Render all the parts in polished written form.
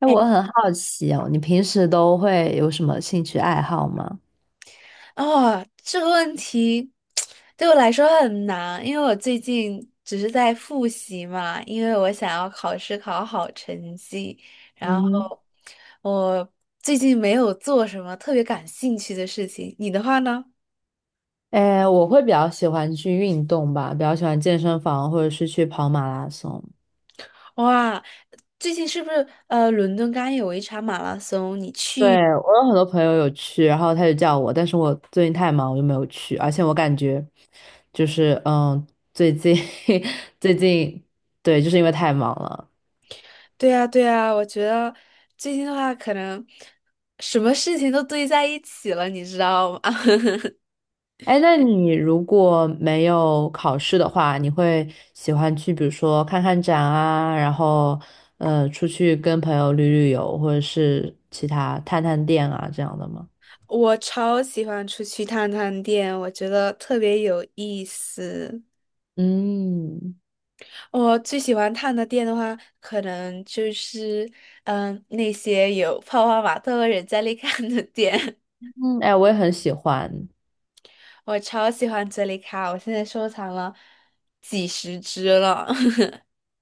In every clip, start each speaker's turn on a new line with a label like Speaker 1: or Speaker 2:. Speaker 1: 哎，我很好奇哦，你平时都会有什么兴趣爱好吗？
Speaker 2: 哦，这个问题对我来说很难，因为我最近只是在复习嘛，因为我想要考试考好成绩，然
Speaker 1: 嗯哼。
Speaker 2: 后我最近没有做什么特别感兴趣的事情。你的话呢？
Speaker 1: 哎，我会比较喜欢去运动吧，比较喜欢健身房或者是去跑马拉松。
Speaker 2: 哇，最近是不是伦敦刚有一场马拉松，你
Speaker 1: 对，
Speaker 2: 去？
Speaker 1: 我有很多朋友有去，然后他就叫我，但是我最近太忙，我就没有去。而且我感觉，就是嗯，最近 最近，对，就是因为太忙了。
Speaker 2: 对呀对呀，我觉得最近的话，可能什么事情都堆在一起了，你知道吗？
Speaker 1: 哎，那你如果没有考试的话，你会喜欢去，比如说看看展啊，然后出去跟朋友旅旅游，或者是其他探探店啊这样的吗？
Speaker 2: 我超喜欢出去探探店，我觉得特别有意思。
Speaker 1: 嗯
Speaker 2: 我最喜欢探的店的话，可能就是那些有泡泡玛特和人在利卡的店。
Speaker 1: 嗯，哎，我也很喜欢。
Speaker 2: 我超喜欢哲理卡，我现在收藏了几十只了。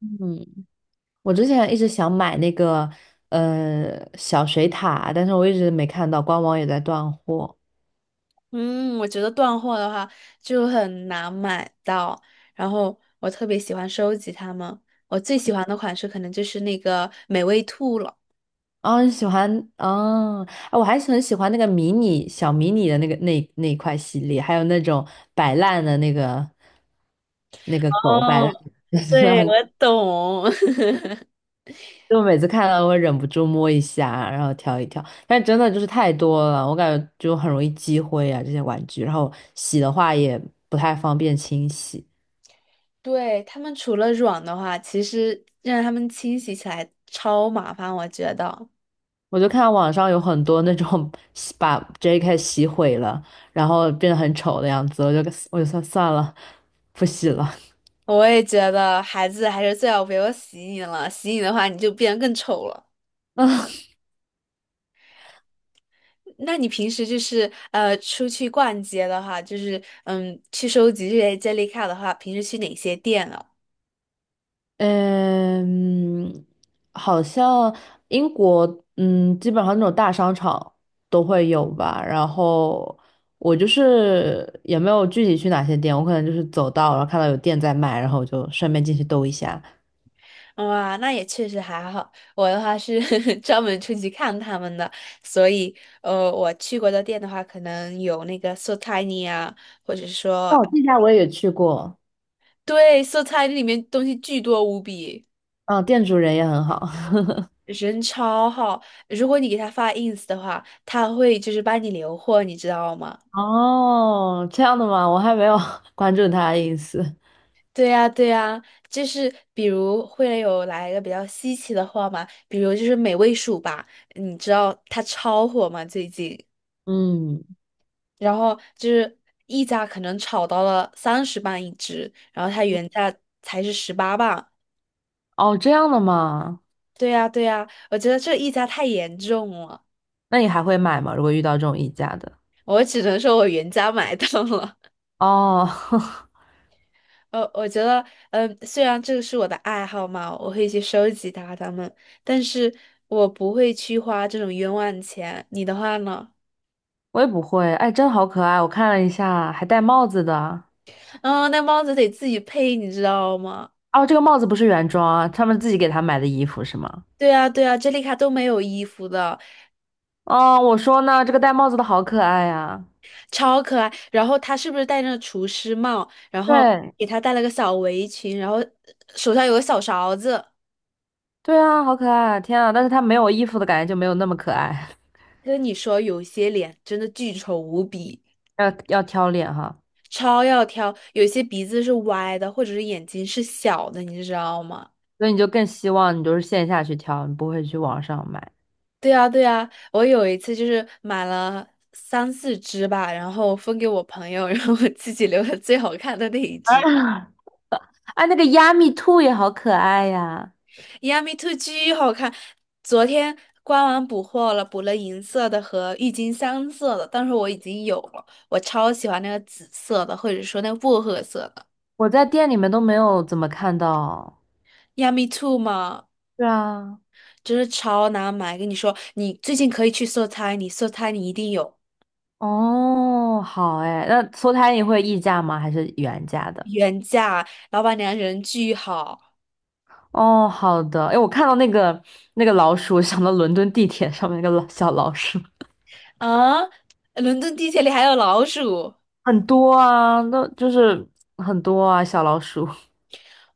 Speaker 1: 嗯，我之前一直想买那个小水塔，但是我一直没看到，官网也在断货。
Speaker 2: 嗯，我觉得断货的话就很难买到，然后我特别喜欢收集它们。我最喜欢的款式可能就是那个美味兔了。
Speaker 1: 啊，喜欢，哦！啊我还是很喜欢那个迷你小迷你的那个那一块系列，还有那种摆烂的那个那个狗摆烂。
Speaker 2: 哦
Speaker 1: 就 是
Speaker 2: 对，
Speaker 1: 很，
Speaker 2: 我懂。
Speaker 1: 就我每次看到会忍不住摸一下，然后挑一挑，但真的就是太多了，我感觉就很容易积灰啊这些玩具，然后洗的话也不太方便清洗。
Speaker 2: 对，他们除了软的话，其实让他们清洗起来超麻烦，我觉得。
Speaker 1: 我就看到网上有很多那种 洗把 JK 洗毁了，然后变得很丑的样子，我就算算了，不洗了。
Speaker 2: 我也觉得孩子还是最好不要洗你了，洗你的话你就变得更丑了。
Speaker 1: 啊，
Speaker 2: 那你平时就是出去逛街的话，就是去收集这些 Jellycat 的话，平时去哪些店啊？
Speaker 1: 嗯，好像英国，嗯，基本上那种大商场都会有吧。然后我就是也没有具体去哪些店，我可能就是走到，然后看到有店在卖，然后我就顺便进去兜一下。
Speaker 2: 哇，那也确实还好。我的话是 专门出去看他们的，所以我去过的店的话，可能有那个 So Tiny 啊，或者说
Speaker 1: 哦，这家我也去过，
Speaker 2: 对 So Tiny 里面东西巨多无比，
Speaker 1: 嗯，店主人也很好。
Speaker 2: 人超好。如果你给他发 ins 的话，他会就是帮你留货，你知道吗？
Speaker 1: 哦，这样的吗？我还没有 关注他的意思。
Speaker 2: 对呀，对呀，就是比如会有来一个比较稀奇的货嘛，比如就是美味鼠吧，你知道它超火吗？最近。
Speaker 1: 嗯，
Speaker 2: 然后就是溢价可能炒到了30磅一只，然后它原价才是18磅。
Speaker 1: 哦，这样的吗？
Speaker 2: 对呀，对呀，我觉得这溢价太严重了，
Speaker 1: 那你还会买吗？如果遇到这种溢价的？
Speaker 2: 我只能说我原价买到了。
Speaker 1: 哦。
Speaker 2: 我觉得，虽然这个是我的爱好嘛，我会去收集它们，但是我不会去花这种冤枉钱。你的话呢？
Speaker 1: 我也不会，哎，真好可爱！我看了一下，还戴帽子的。
Speaker 2: 嗯，那帽子得自己配，你知道吗？
Speaker 1: 哦，这个帽子不是原装啊，他们自己给他买的衣服是吗？
Speaker 2: 对啊，对啊，这里卡都没有衣服的，
Speaker 1: 哦，我说呢，这个戴帽子的好可爱呀、
Speaker 2: 超可爱。然后他是不是戴着厨师帽？然后
Speaker 1: 对，
Speaker 2: 给他戴了个小围裙，然后手上有个小勺子。
Speaker 1: 对啊，好可爱！天啊，但是他没有衣服的感觉就没有那么可爱。
Speaker 2: 跟你说，有些脸真的巨丑无比，
Speaker 1: 要挑脸哈，
Speaker 2: 超要挑。有些鼻子是歪的，或者是眼睛是小的，你知道吗？
Speaker 1: 所以你就更希望你就是线下去挑，你不会去网上买。
Speaker 2: 对啊，对啊，我有一次就是买了3、4只吧，然后分给我朋友，然后我自己留了最好看的那一只。
Speaker 1: 啊，哎，那个亚米兔也好可爱呀，
Speaker 2: Yummy Two 巨好看，昨天官网补货了，补了银色的和郁金香色的，但是我已经有了，我超喜欢那个紫色的，或者说那个薄荷色的。
Speaker 1: 我在店里面都没有怎么看到。
Speaker 2: Yummy Two 嘛，
Speaker 1: 对啊，
Speaker 2: 真是超难买，跟你说，你最近可以去搜猜，你搜猜你一定有
Speaker 1: 哦，好哎，那搓汤你会议价吗？还是原价的？
Speaker 2: 原价，老板娘人巨好
Speaker 1: 哦，好的。哎，我看到那个那个老鼠 想到伦敦地铁上面那个老小老鼠，
Speaker 2: 啊！伦敦地铁里还有老鼠。
Speaker 1: 很多啊，那就是很多啊，小老鼠。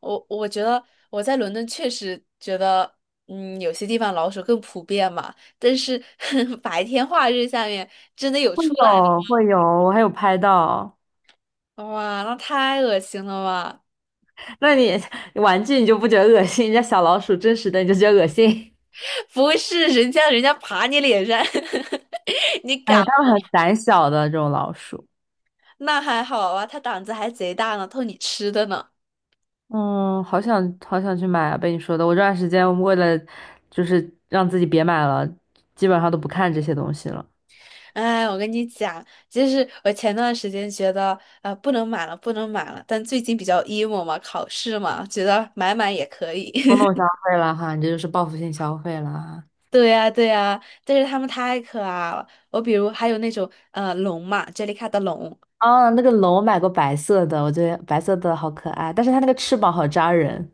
Speaker 2: 我觉得我在伦敦确实觉得，有些地方老鼠更普遍嘛，但是 白天化日下面真的有
Speaker 1: 会
Speaker 2: 出来的，
Speaker 1: 有会有，我还有拍到。
Speaker 2: 哇，那太恶心了吧！
Speaker 1: 那你玩具你就不觉得恶心？人家小老鼠真实的你就觉得恶心？
Speaker 2: 不是人家爬你脸上，你
Speaker 1: 哎，
Speaker 2: 敢？
Speaker 1: 它们很胆小的这种老鼠。
Speaker 2: 那还好啊，它胆子还贼大呢，偷你吃的呢。
Speaker 1: 嗯，好想好想去买啊！被你说的，我这段时间为了就是让自己别买了，基本上都不看这些东西了。
Speaker 2: 哎，我跟你讲，就是我前段时间觉得，啊，不能买了，不能买了，但最近比较 emo 嘛，考试嘛，觉得买买也可以。
Speaker 1: 冲动消 费了哈，你这就是报复性消费了哈。
Speaker 2: 对呀，对呀，但是它们太可爱了。我比如还有那种龙嘛，杰里卡的龙，
Speaker 1: 啊，那个龙我买过白色的，我觉得白色的好可爱，但是它那个翅膀好扎人。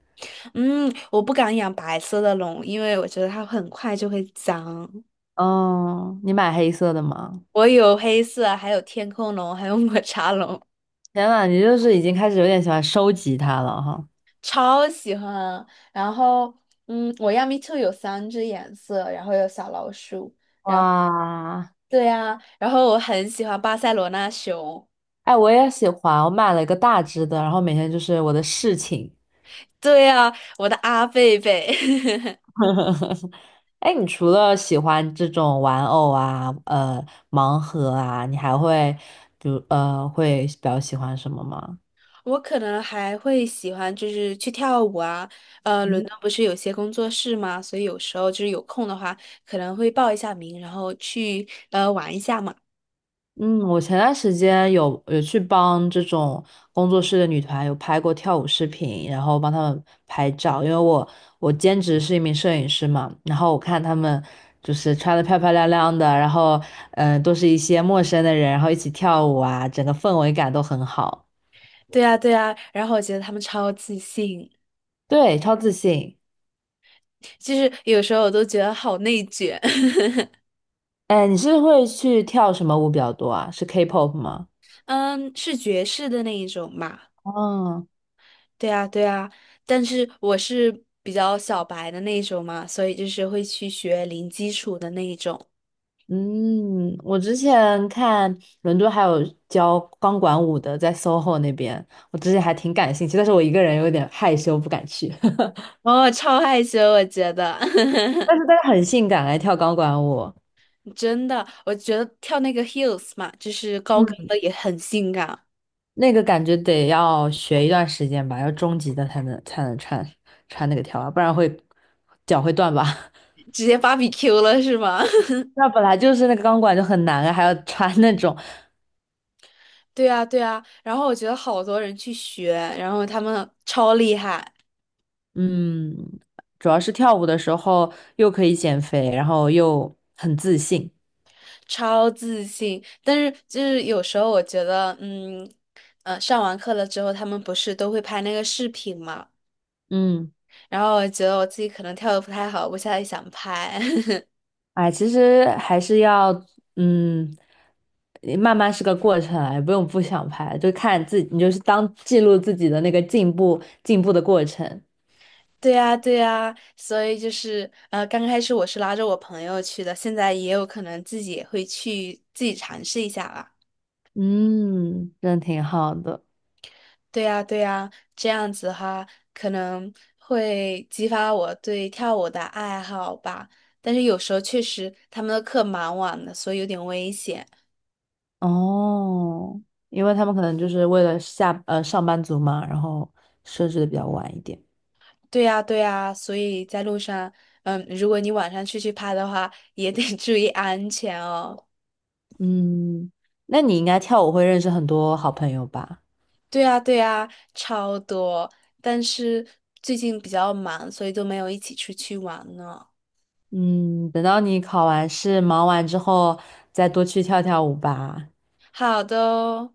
Speaker 2: 嗯，我不敢养白色的龙，因为我觉得它很快就会脏。
Speaker 1: 嗯，你买黑色的吗？
Speaker 2: 我有黑色，还有天空龙，还有抹茶龙，
Speaker 1: 天呐，你就是已经开始有点喜欢收集它了哈。
Speaker 2: 超喜欢。然后，我亚米兔有3只颜色，然后有小老鼠。
Speaker 1: 哇，
Speaker 2: 对呀，然后我很喜欢巴塞罗那熊。
Speaker 1: 哎，我也喜欢，我买了一个大只的，然后每天就是我的侍寝。
Speaker 2: 对呀，我的阿贝贝。
Speaker 1: 呵呵呵哎，你除了喜欢这种玩偶啊，呃，盲盒啊，你还会，比如呃，会比较喜欢什么吗？
Speaker 2: 我可能还会喜欢就是去跳舞啊，伦
Speaker 1: 嗯
Speaker 2: 敦不是有些工作室吗？所以有时候就是有空的话，可能会报一下名，然后去玩一下嘛。
Speaker 1: 嗯，我前段时间有去帮这种工作室的女团有拍过跳舞视频，然后帮她们拍照，因为我兼职是一名摄影师嘛，然后我看她们就是穿的漂漂亮亮的，然后都是一些陌生的人，然后一起跳舞啊，整个氛围感都很好，
Speaker 2: 对啊，对啊，然后我觉得他们超自信，
Speaker 1: 对，超自信。
Speaker 2: 就是有时候我都觉得好内卷。
Speaker 1: 哎，你是会去跳什么舞比较多啊？是 K-pop 吗？
Speaker 2: 嗯，是爵士的那一种嘛？
Speaker 1: 哦，
Speaker 2: 对啊，对啊，但是我是比较小白的那一种嘛，所以就是会去学零基础的那一种。
Speaker 1: 嗯，我之前看伦敦还有教钢管舞的，在 SOHO 那边，我之前还挺感兴趣，但是我一个人有点害羞，不敢去。
Speaker 2: 哦，超害羞，我觉得。
Speaker 1: 但 是但是很性感，哎，跳钢管舞，
Speaker 2: 真的，我觉得跳那个 heels 嘛，就是高跟
Speaker 1: 嗯，
Speaker 2: 的也很性感，
Speaker 1: 那个感觉得要学一段时间吧，要中级的才能穿穿那个跳啊，不然会脚会断吧。
Speaker 2: 直接芭比 Q 了是吗？
Speaker 1: 那本来就是那个钢管就很难啊，还要穿那种，
Speaker 2: 对啊，对啊。然后我觉得好多人去学，然后他们超厉害，
Speaker 1: 嗯，主要是跳舞的时候又可以减肥，然后又很自信。
Speaker 2: 超自信。但是就是有时候我觉得，上完课了之后，他们不是都会拍那个视频嘛？
Speaker 1: 嗯，
Speaker 2: 然后我觉得我自己可能跳的不太好，我现在想拍。
Speaker 1: 哎，其实还是要嗯，慢慢是个过程啊，也不用不想拍，就看自己，你就是当记录自己的那个进步的过程。
Speaker 2: 对呀，对呀，所以就是刚开始我是拉着我朋友去的，现在也有可能自己也会去自己尝试一下吧。
Speaker 1: 嗯，真挺好的。
Speaker 2: 对呀，对呀，这样子哈可能会激发我对跳舞的爱好吧。但是有时候确实他们的课蛮晚的，所以有点危险。
Speaker 1: 哦，因为他们可能就是为了下上班族嘛，然后设置的比较晚一点。
Speaker 2: 对呀，对呀，所以在路上，如果你晚上出去拍的话，也得 注意安全哦。
Speaker 1: 嗯，那你应该跳舞会认识很多好朋友吧？
Speaker 2: 对呀，对呀，超多，但是最近比较忙，所以都没有一起出去玩呢。
Speaker 1: 嗯，等到你考完试、忙完之后，再多去跳跳舞吧。
Speaker 2: 好的哦，